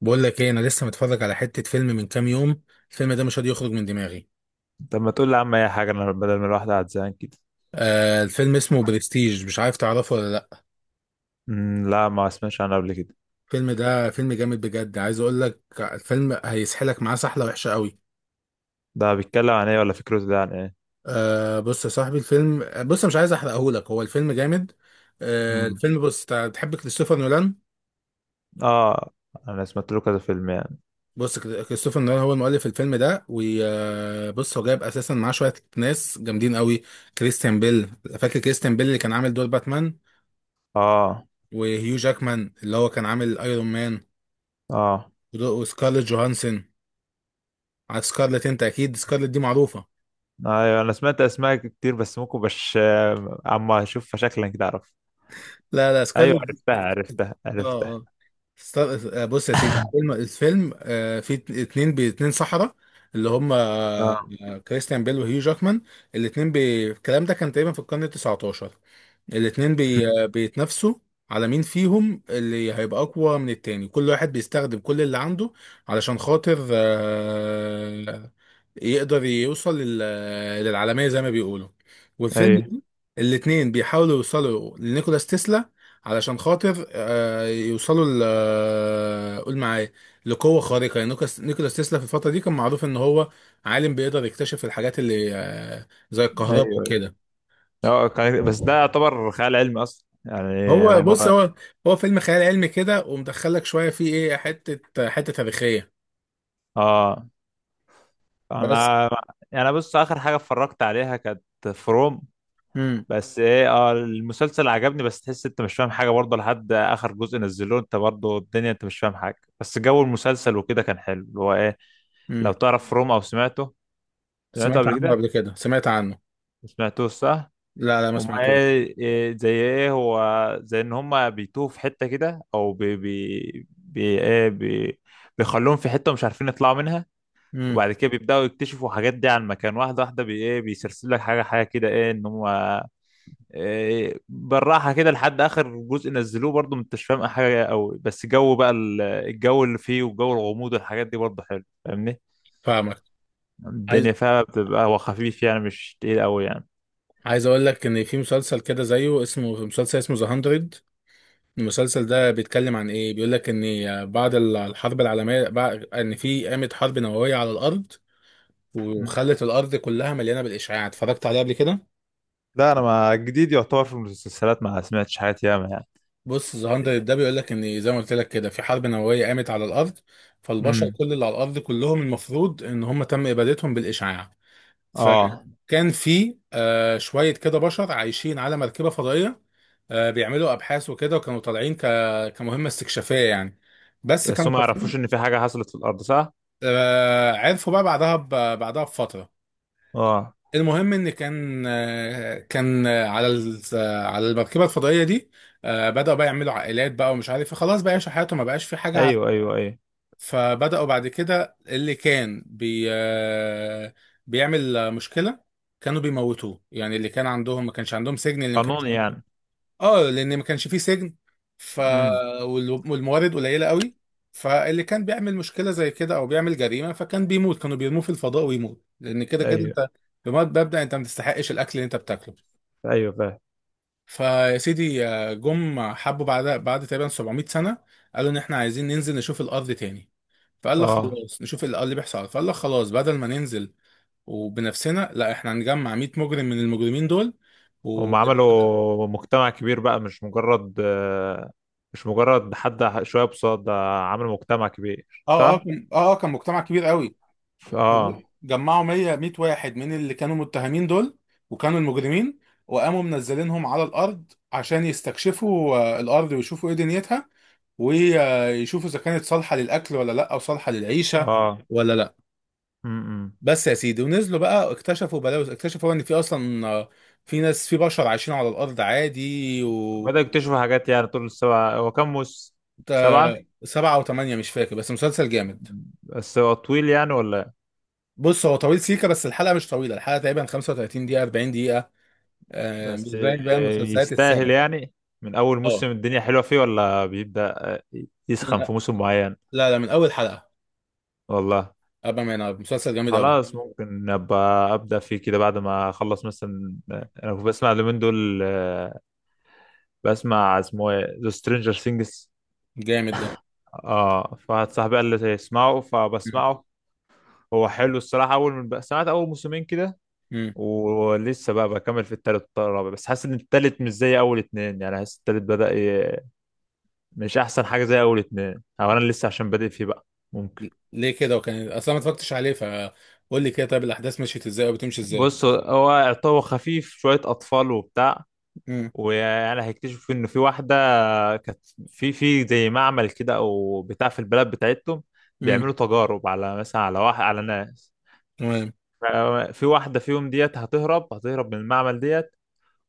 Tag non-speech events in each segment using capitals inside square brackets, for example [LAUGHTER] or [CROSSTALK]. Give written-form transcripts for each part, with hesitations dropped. بقول لك ايه، انا لسه متفرج على حتة فيلم من كام يوم. الفيلم ده مش راضي يخرج من دماغي. طب ما تقول لي يا عم اي حاجه، انا بدل ما الواحد قاعد زهقان كده. آه، الفيلم اسمه برستيج، مش عارف تعرفه ولا لا؟ لا، ما سمعتش عنه قبل كده. الفيلم ده فيلم جامد بجد. عايز اقول لك، الفيلم هيسحلك معاه سحلة وحشة قوي. ده بيتكلم عن ايه، ولا فكرته ده عن ايه؟ آه، بص يا صاحبي، الفيلم، بص، مش عايز احرقه لك، هو الفيلم جامد. آه، امم الفيلم، بص، تحب كريستوفر نولان؟ اه، انا سمعت له كذا فيلم يعني. بص، كريستوفر نولان هو المؤلف الفيلم ده، وبص هو جايب اساسا معاه شوية ناس جامدين قوي. كريستيان بيل. فاكر كريستيان بيل اللي كان عامل دور باتمان؟ اه، وهيو جاكمان اللي هو كان عامل ايرون مان. اه، وسكارلت جوهانسون. عارف سكارلت؟ انت اكيد سكارلت دي معروفه. ايوه، انا سمعت اسماء كتير، بس ممكن بش آه، اما اشوف شكلا كده اعرف. لا لا، ايوه، سكارلت. عرفتها، عرفتها، اه. عرفتها. اه. است- بص يا سيدي، الفيلم فيه اتنين باتنين سحرة، اللي هم، اه. كريستيان بيل وهيو جاكمان. الاتنين الكلام ده كان تقريبا في القرن ال 19. الاتنين بي... أمم، آه، بيتنافسوا على مين فيهم اللي هيبقى أقوى من التاني. كل واحد بيستخدم كل اللي عنده علشان خاطر يقدر يوصل للعالمية زي ما بيقولوا. والفيلم ايوه، ده، الاتنين بيحاولوا يوصلوا لنيكولاس تسلا علشان خاطر يوصلوا ل آه، قول معايا، لقوة خارقة. يعني نيكولاس تسلا في الفترة دي كان معروف ان هو عالم بيقدر يكتشف الحاجات اللي، زي الكهرباء ايوه، ايوه. وكده. اه، بس ده يعتبر خيال علمي اصلا يعني هو هم. بص هو هو فيلم خيال علمي كده، ومدخلك شوية فيه، ايه، حتة حتة تاريخية. اه، بس. انا يعني بص، اخر حاجه اتفرجت عليها كانت فروم. امم بس ايه اه المسلسل عجبني، بس تحس انت مش فاهم حاجه برضه لحد اخر جزء نزلوه، انت برضه الدنيا انت مش فاهم حاجه، بس جو المسلسل وكده كان حلو، اللي هو ايه، لو امم تعرف روم او سمعته. سمعته سمعت قبل عنه كده، قبل كده، سمعت عنه. ما سمعتوش صح؟ لا لا، ما هما سمعتوش. ايه، إيه زي ايه هو، زي ان هما بيتوه في حته كده، او بي بي, بي ايه بي بيخلوهم في حته مش عارفين يطلعوا منها. امم. وبعد كده بيبداوا يكتشفوا حاجات دي عن مكان، واحده واحده، بي ايه بيسلسل لك حاجه حاجه كده، ايه ان هم إيه، بالراحة كده لحد آخر جزء نزلوه، برضو انت مش فاهم حاجة قوي، بس جو بقى الجو اللي فيه والجو الغموض والحاجات دي برضو حلو، فاهمني. فاهمك. عايز الدنيا فيها بتبقى هو خفيف يعني مش تقيل قوي يعني. عايز اقول لك ان في مسلسل كده زيه، اسمه مسلسل، اسمه ذا 100. المسلسل ده بيتكلم عن ايه؟ بيقول لك ان بعد الحرب العالميه، بعد ان في قامت حرب نوويه على الارض مم. وخلت الارض كلها مليانه بالاشعاع. اتفرجت عليه قبل كده؟ لا، انا ما جديد يعتبر في المسلسلات، ما سمعتش حاجات ياما يعني. بص، ذا 100 ده بيقول لك ان زي ما قلت لك كده، في حرب نوويه قامت على الارض. فالبشر، امم. كل اللي على الارض كلهم، المفروض ان هم تم ابادتهم بالاشعاع. اه. فكان في، شويه كده، بشر عايشين على مركبه فضائيه. آه، بيعملوا ابحاث وكده، وكانوا طالعين كمهمه استكشافيه يعني. بس بس كانوا هم ما يعرفوش ان طالعين. في حاجة حصلت في الارض صح؟ عرفوا بقى بعدها بعدها بفترة. اه، المهم ان كان على المركبة الفضائية دي. آه، بدأوا بقى يعملوا عائلات بقى ومش عارف إيه. خلاص بقى يعيشوا حياتهم، ما بقاش في حاجة ايوه، ايوه، ايوه. فبدأوا بعد كده اللي كان بي آه، بيعمل، مشكلة، كانوا بيموتوه. يعني اللي كان عندهم ما كانش عندهم سجن، اللي ما كانش قانوني عندهم. يعني. اه، لان ما كانش فيه سجن. ف امم. والموارد قليله قوي. فاللي كان بيعمل مشكله زي كده او بيعمل جريمه فكان بيموت، كانوا بيرموه في الفضاء ويموت، لان كده كده ايوه، انت، بمبدا مبدأ انت ما تستحقش الاكل اللي انت بتاكله. ايوه، فاهم. فيا سيدي، آه، جم حبوا بعد تقريبا 700 سنه، قالوا ان احنا عايزين ننزل نشوف الارض تاني. فقال لك اه، خلاص، نشوف الارض اللي بيحصل. فقال لك خلاص، بدل ما ننزل وبنفسنا، لا، احنا هنجمع 100 مجرم من المجرمين دول و... هم عملوا مجتمع كبير بقى، مش مجرد مش مجرد حد شوية بصاد ده، عملوا مجتمع كبير اه، اه، صح؟ كان مجتمع كبير قوي. اه، جمعوا 100 واحد من اللي كانوا متهمين دول، وكانوا المجرمين، وقاموا منزلينهم على الارض عشان يستكشفوا، الارض، ويشوفوا ايه دنيتها، ويشوفوا اذا كانت صالحه للاكل ولا لا، او صالحه للعيشه اه. ولا لا. امم. بس يا سيدي، ونزلوا بقى، اكتشفوا بلاوز. اكتشفوا ان في اصلا، في ناس، في بشر عايشين على الارض عادي، و بدأوا يكتشفوا حاجات يعني، طول السبعة هو كام موسم؟ سبعة؟ سبعة وثمانية، مش فاكر، بس مسلسل جامد. بس هو طويل يعني ولا إيه؟ بص هو طويل سيكا، بس الحلقة مش طويلة. الحلقة تقريبا 35 دقيقة، 40. آه، مش بس زي باقي مسلسلات يستاهل الساعة. يعني، من أول اه. موسم الدنيا حلوة فيه، ولا بيبدأ من يسخن في موسم معين؟ لا لا، من أول حلقة. والله. أبا ما ينام، مسلسل جامد أوي. خلاص، ممكن أبقى أبدأ فيه كده بعد ما أخلص مثلا. أنا كنت بسمع اليومين دول، بسمع اسمه ايه ذا سترينجر سينجز. جامد ده. اه، فواحد صاحبي قال لي اسمعه مم. فبسمعه. هو حلو الصراحة، أول من بقى سمعت أول موسمين كده. مم. ولسه بقى بكمل في التالت والرابع، بس حاسس إن التالت مش زي أول اتنين يعني، حاسس التالت بدأ مش أحسن حاجة زي أول اتنين، أو أنا لسه عشان بادئ فيه بقى، ممكن. ليه كده وكان أصلا ما اتفرجتش عليه؟ فقول لي كده، طيب الأحداث مشيت إزاي أو بتمشي إزاي؟ بص هو خفيف شوية أطفال وبتاع، مم. ويعني هيكتشفوا ان في واحده كانت، في زي معمل كده او بتاع في البلد بتاعتهم، بيعملوا مم. تجارب على مثلا على واحد على ناس، تمام. في واحده فيهم ديت هتهرب هتهرب من المعمل ديت،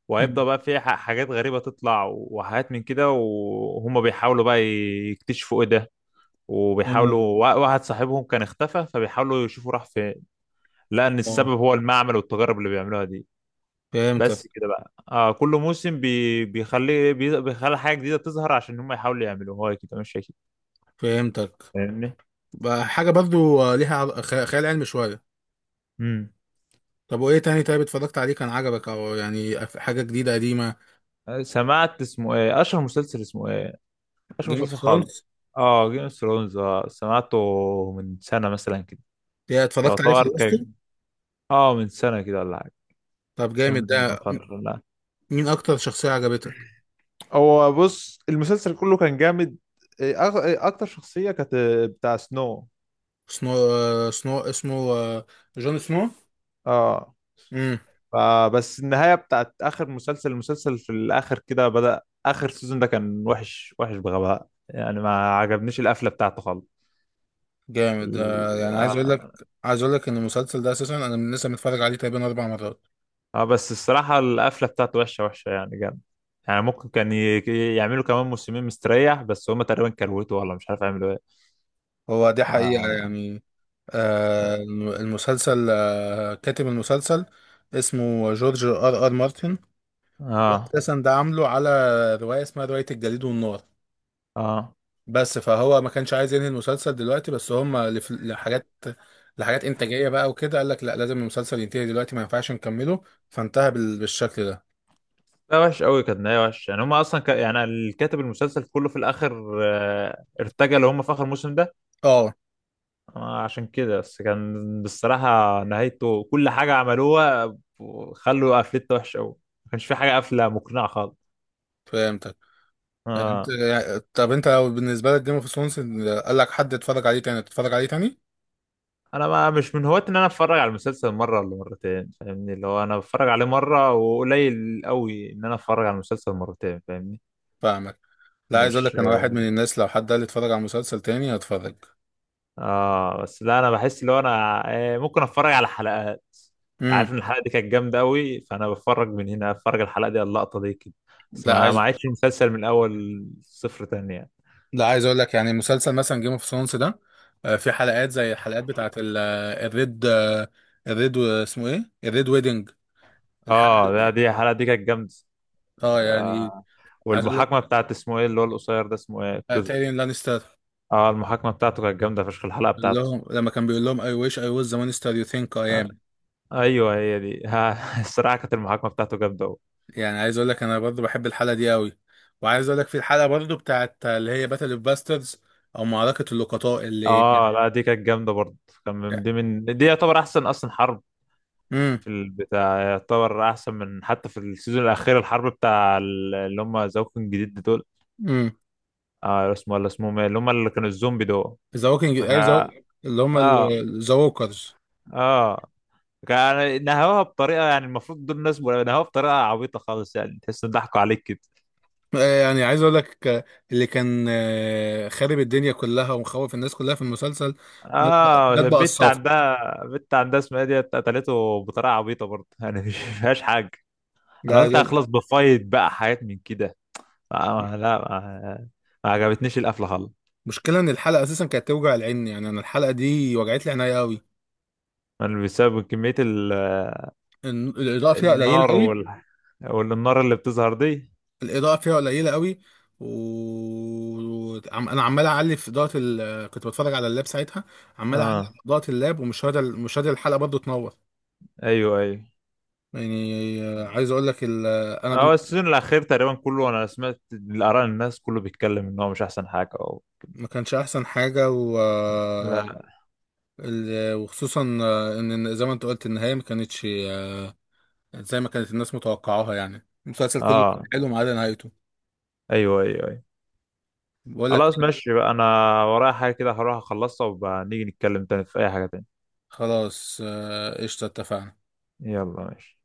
وهيبدأ مم. بقى في حاجات غريبة تطلع وحاجات من كده، وهم بيحاولوا بقى يكتشفوا ايه ده، وبيحاولوا تمام. واحد صاحبهم كان اختفى، فبيحاولوا يشوفوا راح فين لأن آه. السبب هو المعمل والتجارب اللي بيعملوها دي. فهمتك. بس كده بقى كل موسم بيخلي بيخلي حاجة جديدة تظهر، عشان هم يحاولوا يعملوها كده مش أكيد، فهمتك فاهمني. بقى. حاجة برضو، ليها خيال علمي شوية. امم. طب وإيه تاني؟ طيب اتفرجت عليه، كان عجبك، أو يعني، حاجة جديدة قديمة؟ سمعت اسمه ايه أشهر مسلسل اسمه ايه، أشهر جيم اوف مسلسل ثرونز. خالص. اه، جيم اوف ثرونز، اه، سمعته. من سنة مثلا كده. اتفرجت عليه، يعتبر كان، خلصته. اه، من سنة كده ولا حاجة. طب جامد كام ده من ده. فترة، لا. مين أكتر شخصية عجبتك؟ هو بص المسلسل كله كان جامد، إيه، أغ- إيه، اكتر شخصية كانت بتاع سنو. سنو، اسمه، جون سنو. اه. امم. فبس النهاية بتاعت آخر المسلسل في الآخر كده، بدأ آخر سيزون ده كان وحش وحش بغباء يعني، ما عجبنيش القفلة بتاعته خالص. جامد. آه، ال- يعني عايز اقول لك، آه عايز اقول لك ان المسلسل ده اساسا، انا من لسه متفرج عليه تقريبا اربع مرات. بس الصراحة القفلة بتاعته وحشة وحشة يعني جامد. يعني ممكن كان يعملوا كمان موسمين مستريح، بس هما تقريبا كروته ولا مش عارف يعملوا ايه. هو دي حقيقة ما- يعني. اه، المسلسل، آه، كاتب المسلسل اسمه جورج ار ار مارتن. ده اه، اساسا ده عامله على رواية، اسمها رواية الجليد والنار. آه. بس فهو ما كانش عايز ينهي المسلسل دلوقتي، بس هم لحاجات، لحاجات انتاجية بقى وكده، قال لك لا، لازم المسلسل ينتهي دلوقتي، ما ينفعش نكمله. فانتهى بالشكل ده. لا وحش قوي كانت نهاية وحش يعني، هما اصلا يعني الكاتب المسلسل كله في الاخر ارتجل، هما في اخر موسم ده اه، عشان كده بس كان بصراحة نهايته كل حاجة عملوها خلوا قفلته وحشة أوي، ما كانش في حاجة قافلة مقنعة خالص. فهمتك. يعني انت آه. طب انت لو بالنسبه لك جيم اوف ثرونز، قال لك حد اتفرج عليه تاني، تتفرج عليه تاني؟ أنا ما مش من هواة إن أنا أتفرج على المسلسل مرة ولا مرتين، فاهمني اللي هو أنا بتفرج عليه مرة، وقليل أوي إن أنا أتفرج على المسلسل مرتين، فاهمني. فاهمك. لا، عايز اقول مش لك، انا واحد من الناس لو حد قال لي اتفرج على مسلسل تاني، هتفرج. اه، بس لا انا بحس اللي هو انا ممكن اتفرج على حلقات. امم. عارف ان الحلقه دي كانت جامده قوي، فانا بتفرج من هنا، اتفرج على الحلقه دي على اللقطه دي كده. بس لا ما عايز عادش المسلسل من الاول صفر تاني يعني. لا، عايز اقول لك يعني مسلسل مثلا جيم اوف ثرونز ده، آه، في حلقات زي الحلقات بتاعت الريد، اسمه ايه، الريد ويدنج، اه، الحلقه. لا دي الحلقه دي كانت جامده. اه، يعني آه، عايز اقول لك، والمحاكمه بتاعت اسمه ايه اللي هو القصير ده اسمه ايه الكز. تايرين لانستر، اه، المحاكمه بتاعته كانت جامده فشخ الحلقه اللي بتاعته. هم لما كان بيقول لهم I wish I was the monster you think I آه، am. ايوه هي دي [LAUGHS] ها، الصراحه كانت المحاكمه بتاعته جامده قوي. يعني عايز اقول لك انا برضو بحب الحلقه دي قوي، وعايز اقول لك في الحلقه برضو بتاعت اللي هي باتل اوف باسترز، او معركه اللقطاء اللي. اه، لا دي كانت جامده برضه. كان من دي يعتبر احسن اصلا حرب امم في البتاع، يعتبر احسن من حتى في السيزون الاخير الحرب بتاع اللي هم زوكن جديد دول. امم اه، اسمه ولا اسمهم ايه اللي هم اللي كانوا الزومبي دول. ذا ووكينج، ايوه، كا- اللي هم اه، ذا ووكرز. اه، كان نهوها بطريقه يعني، المفروض دول الناس نهوها بطريقه عبيطه خالص يعني تحس ان ضحكوا عليك كده. آه، يعني عايز اقول لك، اللي كان، خارب الدنيا كلها ومخوف الناس كلها في المسلسل، مات بقى، اه، مات بقى الصافي. البت عندها اسمها إيه دي قتلته بطريقه عبيطه برضه يعني مش فيهاش حاجه. انا لا قلت لا، هخلص بفايت بقى حاجات من كده، آه لا ما عجبتنيش القفله خالص. المشكله ان الحلقه اساسا كانت توجع العين. يعني انا الحلقه دي وجعت لي عينيا قوي. بسبب كميه الاضاءه فيها قليله النار قوي. والنار اللي بتظهر دي. الاضاءه فيها قليله قوي، و انا عمال اعلي في اضاءه كنت بتفرج على اللاب ساعتها، عمال اعلي اه، في اضاءه اللاب، ومش راضي، مش راضي الحلقه برضو تنور. ايوه، ايوه، يعني عايز اقول لك انا هو السيزون الاخير تقريبا كله، انا سمعت الاراء الناس كله بيتكلم ان هو مش احسن حاجه ما كانش احسن حاجه لا. وخصوصا ان زي ما انت قلت النهايه ما كانتش زي ما كانت الناس متوقعاها. يعني المسلسل كله كان اه، حلو، ما عدا نهايته. ايوه، ايوه، ايوه. بقول لك خلاص ماشي بقى، انا ورايا حاجه كده، هروح اخلصها وبقى نيجي نتكلم تاني في اي حاجه تاني. خلاص، آه، قشطه، اتفقنا. يلا ماشي.